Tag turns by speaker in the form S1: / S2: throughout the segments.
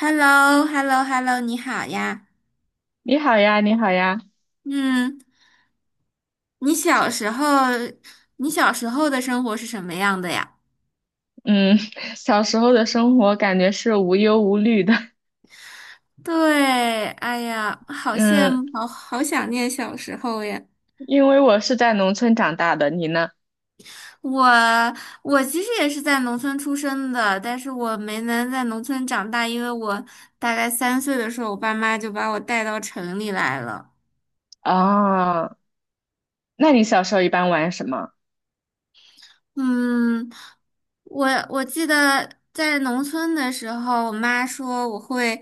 S1: h e l l o h e l l o h e l l o 你好呀。
S2: 你好呀，你好呀，
S1: 嗯，你小时候，你小时候的生活是什么样的呀？
S2: 嗯，小时候的生活感觉是无忧无虑的。
S1: 对，哎呀，好羡
S2: 嗯，
S1: 慕，好好想念小时候呀。
S2: 因为我是在农村长大的，你呢？
S1: 我我其实也是在农村出生的，但是我没能在农村长大，因为我大概三岁的时候，我爸妈就把我带到城里来了。
S2: 啊，那你小时候一般玩什么？
S1: 嗯，我记得在农村的时候，我妈说我会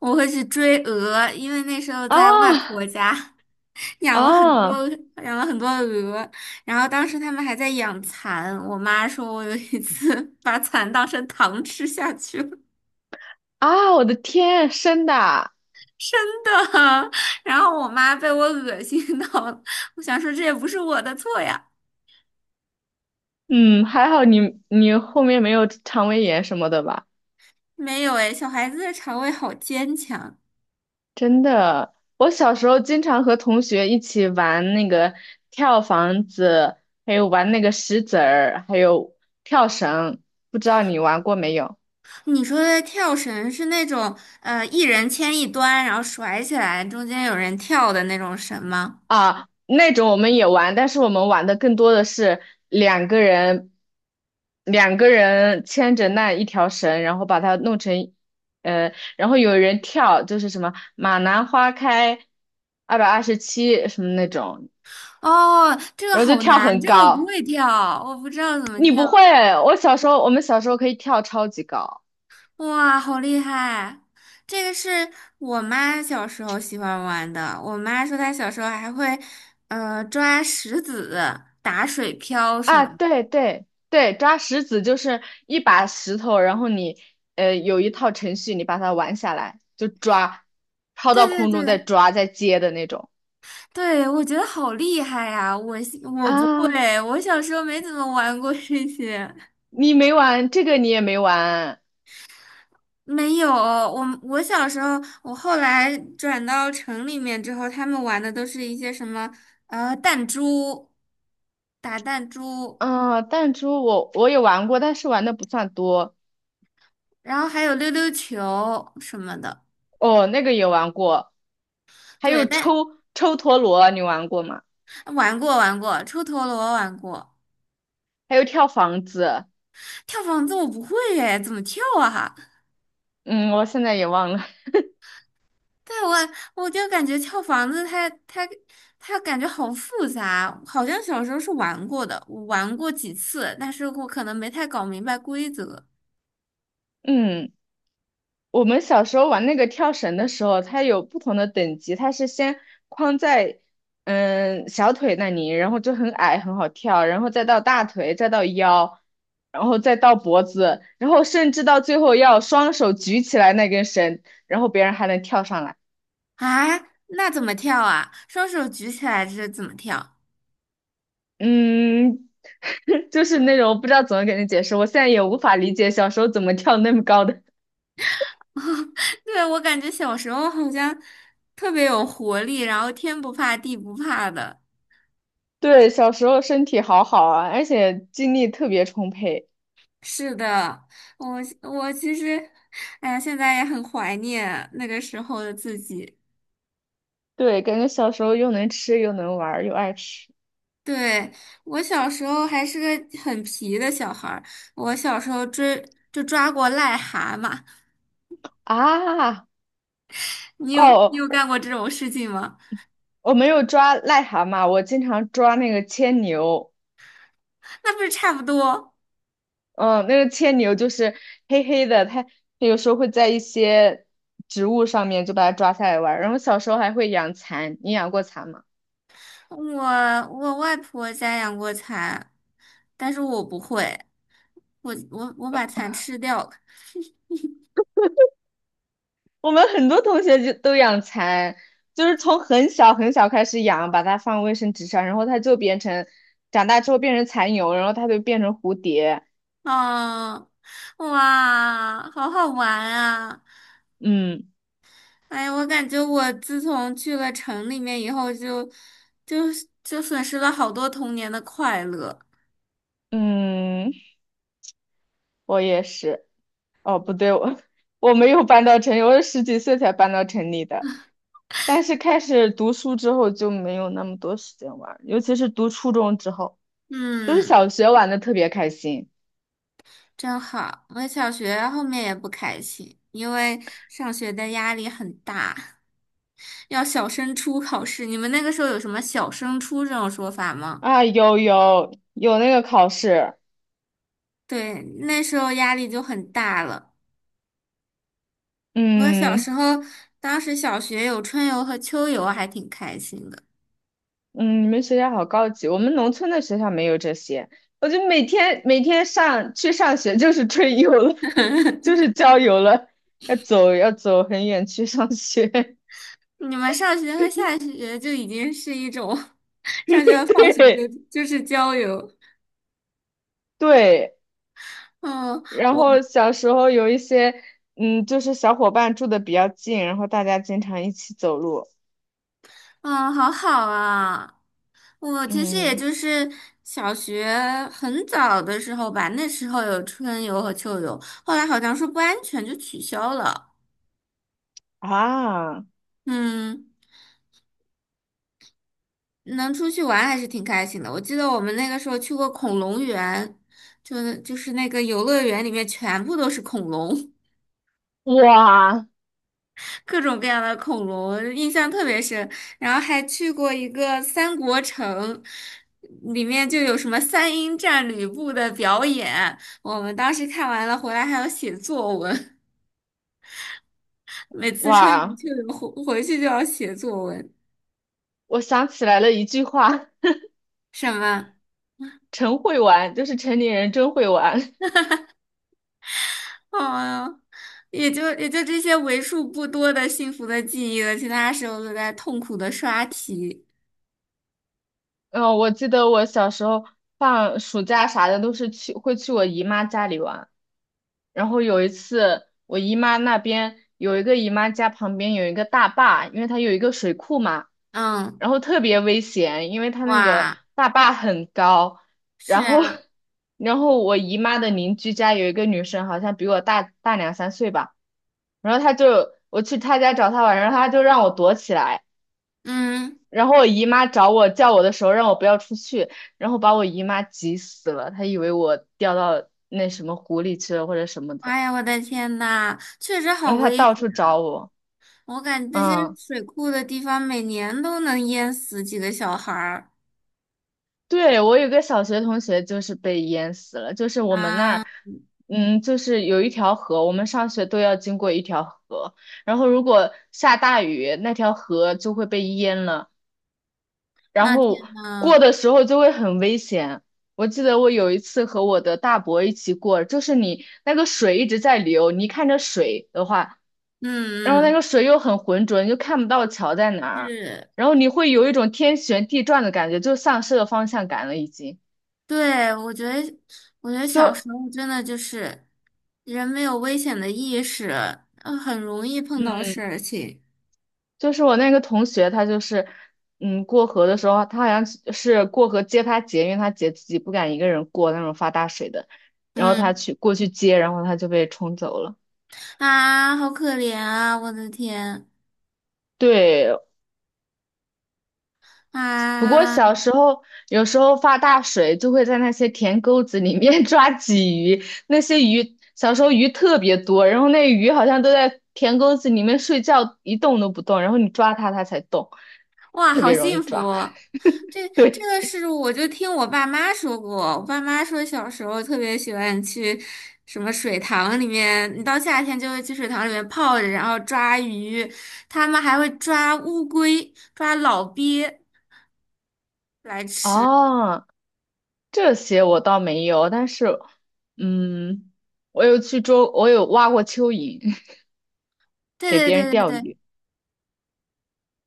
S1: 去追鹅，因为那时候在外
S2: 啊
S1: 婆家 养了很多
S2: 啊
S1: 鹅，然后当时他们还在养蚕，我妈说我有一次 把蚕当成糖吃下去了。
S2: 啊！我的天，真的啊。
S1: 真的，然后我妈被我恶心到了，我想说这也不是我的错呀，
S2: 嗯，还好你后面没有肠胃炎什么的吧？
S1: 没有哎，小孩子的肠胃好坚强。
S2: 真的，我小时候经常和同学一起玩那个跳房子，还有玩那个石子儿，还有跳绳，不知道你玩过没有？
S1: 你说的跳绳是那种一人牵一端，然后甩起来，中间有人跳的那种绳吗？
S2: 啊，那种我们也玩，但是我们玩的更多的是两个人，两个人牵着那一条绳，然后把它弄成，然后有人跳，就是什么马兰花开227什么那种。
S1: 哦，这个
S2: 然后就
S1: 好
S2: 跳
S1: 难，
S2: 很
S1: 这个我不
S2: 高。
S1: 会跳，我不知道怎么
S2: 你不会？
S1: 跳。
S2: 我小时候，我们小时候可以跳超级高。
S1: 哇，好厉害！这个是我妈小时候喜欢玩的。我妈说她小时候还会抓石子、打水漂什
S2: 啊，
S1: 么的。
S2: 对对对，抓石子就是一把石头，然后你有一套程序，你把它玩下来，就抓，抛
S1: 对
S2: 到
S1: 对
S2: 空中再
S1: 对
S2: 抓再接的那种。
S1: 对，我觉得好厉害呀！我不会，
S2: 啊。
S1: 我小时候没怎么玩过这些。
S2: 你没玩这个，你也没玩？
S1: 没有，我小时候，我后来转到城里面之后，他们玩的都是一些什么弹珠、打弹珠，
S2: 啊？弹珠我也玩过，但是玩的不算多。
S1: 然后还有溜溜球什么的。
S2: 哦，那个也玩过，还
S1: 对，
S2: 有抽
S1: 但
S2: 抽陀螺，你玩过吗？
S1: 玩过玩过，抽陀螺玩过，
S2: 还有跳房子。
S1: 跳房子我不会耶，怎么跳啊？
S2: 嗯，我现在也忘了。
S1: 但我我就感觉跳房子它感觉好复杂，好像小时候是玩过的，我玩过几次，但是我可能没太搞明白规则。
S2: 嗯。我们小时候玩那个跳绳的时候，它有不同的等级，它是先框在小腿那里，然后就很矮，很好跳，然后再到大腿，再到腰，然后再到脖子，然后甚至到最后要双手举起来那根绳，然后别人还能跳上来。
S1: 啊，那怎么跳啊？双手举起来这是怎么跳？
S2: 嗯，就是那种我不知道怎么给你解释，我现在也无法理解小时候怎么跳那么高的。
S1: 对，我感觉小时候好像特别有活力，然后天不怕地不怕的。
S2: 对，小时候身体好好啊，而且精力特别充沛。
S1: 是的，我我其实，哎呀，现在也很怀念那个时候的自己。
S2: 对，感觉小时候又能吃又能玩儿又爱吃。
S1: 对，我小时候还是个很皮的小孩儿，我小时候追就抓过癞蛤蟆。
S2: 啊！
S1: 你有
S2: 哦，
S1: 你有干过这种事情吗？
S2: 我没有抓癞蛤蟆，我经常抓那个牵牛。
S1: 那不是差不多。
S2: 嗯，那个牵牛就是黑黑的，它有时候会在一些植物上面就把它抓下来玩儿。然后小时候还会养蚕，你养过蚕吗？
S1: 我我外婆家养过蚕，但是我不会，我把蚕吃掉了。
S2: 我们很多同学就都养蚕，就是从很小很小开始养，把它放卫生纸上，然后它就变成长大之后变成蚕蛹，然后它就变成蝴蝶。
S1: 啊，哇，好好玩啊！
S2: 嗯。
S1: 哎呀，我感觉我自从去了城里面以后就，就损失了好多童年的快乐。
S2: 嗯。我也是。哦，不对，我 我没有搬到城里，我是十几岁才搬到城里的。但是开始读书之后就没有那么多时间玩儿，尤其是读初中之后，就是
S1: 嗯，
S2: 小学玩的特别开心。
S1: 真好。我小学后面也不开心，因为上学的压力很大，要小升初考试。你们那个时候有什么小升初这种说法吗？
S2: 啊，有有有那个考试。
S1: 对，那时候压力就很大了。我小时
S2: 嗯。
S1: 候，当时小学有春游和秋游，还挺开心的。
S2: 嗯，你们学校好高级，我们农村的学校没有这些，我就每天上去上学就是春游了，就是郊游了，要走很远去上学。
S1: 你们上学和下学就已经是一种，上学 和放学就
S2: 对。
S1: 就是郊游。
S2: 对。
S1: 嗯，
S2: 然
S1: 我
S2: 后小时候有一些，嗯，就是小伙伴住的比较近，然后大家经常一起走路。
S1: 嗯，好好啊。我其实也
S2: 嗯。
S1: 就是小学很早的时候吧，那时候有春游和秋游，后来好像说不安全就取消了。
S2: 啊。
S1: 嗯。能出去玩还是挺开心的。我记得我们那个时候去过恐龙园，就是那个游乐园里面全部都是恐龙，
S2: 哇。
S1: 各种各样的恐龙，印象特别深。然后还去过一个三国城，里面就有什么三英战吕布的表演，我们当时看完了回来还要写作文，每次春游
S2: 哇，
S1: 去了回去就要写作文，
S2: 我想起来了一句话。
S1: 什么？
S2: 真会玩，就是城里人真会玩。
S1: 啊呀，也就这些为数不多的幸福的记忆了，其他时候都在痛苦的刷题。
S2: 嗯，我记得我小时候放暑假啥的都是去会去我姨妈家里玩。然后有一次，我姨妈那边有一个姨妈家旁边有一个大坝，因为它有一个水库嘛，
S1: 嗯，
S2: 然后特别危险，因为它那个
S1: 哇，
S2: 大坝很高。然
S1: 是
S2: 后，
S1: 啊，
S2: 然后我姨妈的邻居家有一个女生，好像比我大两三岁吧，然后她就我去她家找她玩，然后她就让我躲起来。
S1: 嗯，
S2: 然后我姨妈找我叫我的时候，让我不要出去，然后把我姨妈急死了，她以为我掉到那什么湖里去了或者什么的。
S1: 哎呀，我的天呐，确实好
S2: 然后他
S1: 危
S2: 到
S1: 险！
S2: 处找我。
S1: 我感觉这些
S2: 嗯，
S1: 水库的地方每年都能淹死几个小孩儿
S2: 对，我有个小学同学就是被淹死了，就是我们那
S1: 啊。
S2: 儿。嗯，就是有一条河，我们上学都要经过一条河，然后如果下大雨，那条河就会被淹了，然
S1: 啊！天
S2: 后过
S1: 呐，
S2: 的时候就会很危险。我记得我有一次和我的大伯一起过，就是你那个水一直在流，你一看着水的话，然后
S1: 嗯
S2: 那个
S1: 嗯，
S2: 水又很浑浊，你就看不到桥在哪儿，
S1: 是。
S2: 然后你会有一种天旋地转的感觉，就丧失了方向感了，已经。
S1: 对，我觉得，我觉得小
S2: 就
S1: 时候真的就是人没有危险的意识，很容易碰到事情。
S2: 就是我那个同学，他就是，嗯，过河的时候，他好像是过河接他姐，因为他姐自己不敢一个人过那种发大水的，然后他
S1: 嗯，
S2: 去过去接，然后他就被冲走了。
S1: 啊，好可怜啊！我的天，
S2: 对，不过
S1: 啊，
S2: 小时候有时候发大水，就会在那些田沟子里面 抓鲫鱼，那些鱼小时候鱼特别多，然后那鱼好像都在田沟子里面睡觉，一动都不动，然后你抓它它才动，
S1: 哇，
S2: 特
S1: 好
S2: 别容易
S1: 幸福
S2: 抓。
S1: 哦。这
S2: 对。
S1: 个是我就听我爸妈说过，我爸妈说小时候特别喜欢去什么水塘里面，你到夏天就会去水塘里面泡着，然后抓鱼，他们还会抓乌龟、抓老鳖来吃。
S2: 哦，这些我倒没有，但是嗯，我有去捉，我有挖过蚯蚓。
S1: 对
S2: 给
S1: 对
S2: 别人
S1: 对对
S2: 钓
S1: 对，
S2: 鱼。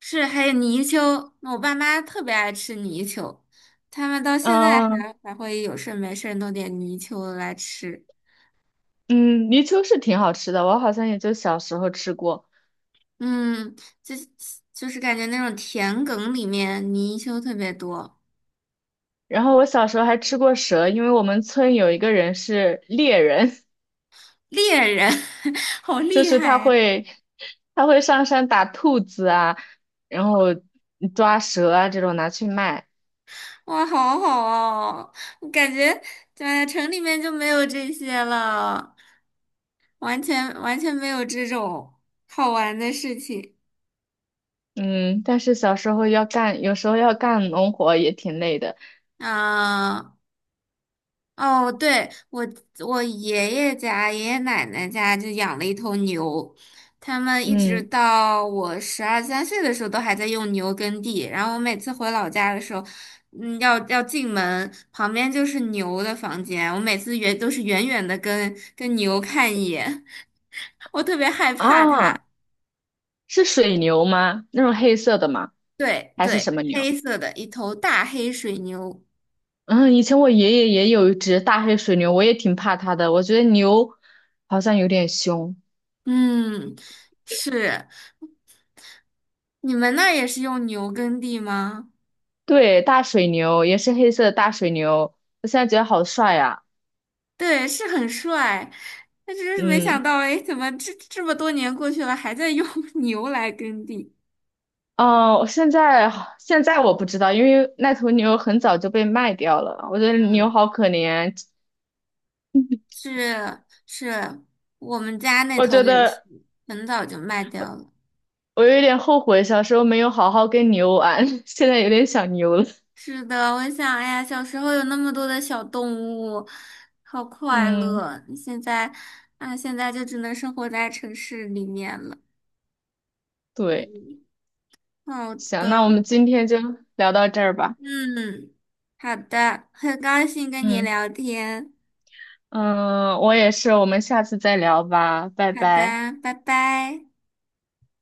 S1: 是，还有泥鳅，那我爸妈特别爱吃泥鳅，他们到现在
S2: 嗯。
S1: 还会有事儿没事儿弄点泥鳅来吃。
S2: 嗯，泥鳅是挺好吃的，我好像也就小时候吃过。
S1: 嗯，就是感觉那种田埂里面泥鳅特别多，
S2: 然后我小时候还吃过蛇，因为我们村有一个人是猎人。
S1: 猎人 好
S2: 就
S1: 厉
S2: 是
S1: 害
S2: 他
S1: 呀！
S2: 会他会上山打兔子啊，然后抓蛇啊这种拿去卖。
S1: 哇，好好哦，我感觉在城里面就没有这些了，完全没有这种好玩的事情
S2: 嗯，但是小时候要干，有时候要干农活也挺累的。
S1: 啊。哦，对，我我爷爷家、爷爷奶奶家就养了一头牛，他们一直
S2: 嗯。
S1: 到我12、13岁的时候都还在用牛耕地。然后我每次回老家的时候，嗯，要进门，旁边就是牛的房间，我每次远都是远远的跟牛看一眼，我特别害怕它。
S2: 啊，是水牛吗？那种黑色的吗？
S1: 对
S2: 还是
S1: 对，
S2: 什么牛？
S1: 黑色的一头大黑水牛，
S2: 嗯，以前我爷爷也有一只大黑水牛，我也挺怕它的。我觉得牛好像有点凶。
S1: 嗯，是，你们那儿也是用牛耕地吗？
S2: 对，大水牛也是黑色的大水牛，我现在觉得好帅呀、
S1: 对，是很帅，但真是没想
S2: 嗯。
S1: 到，哎，怎么这么多年过去了，还在用 牛来耕地？
S2: 哦，现在我不知道，因为那头牛很早就被卖掉了。我觉得牛
S1: 嗯，
S2: 好可怜。
S1: 是是，我们家那
S2: 我
S1: 头
S2: 觉
S1: 也是，
S2: 得
S1: 很早就卖掉了。
S2: 我有点后悔小时候没有好好跟牛玩。现在有点想牛了。
S1: 是的，我想，哎呀，小时候有那么多的小动物，好快
S2: 嗯，
S1: 乐。现在，啊，现在就只能生活在城市里面了。
S2: 对，
S1: 嗯，好
S2: 行，那我
S1: 的，
S2: 们今天就聊到这儿吧。
S1: 嗯，好的，很高兴跟你
S2: 嗯。
S1: 聊天。
S2: 嗯，我也是，我们下次再聊吧，拜
S1: 好
S2: 拜。
S1: 的，拜拜。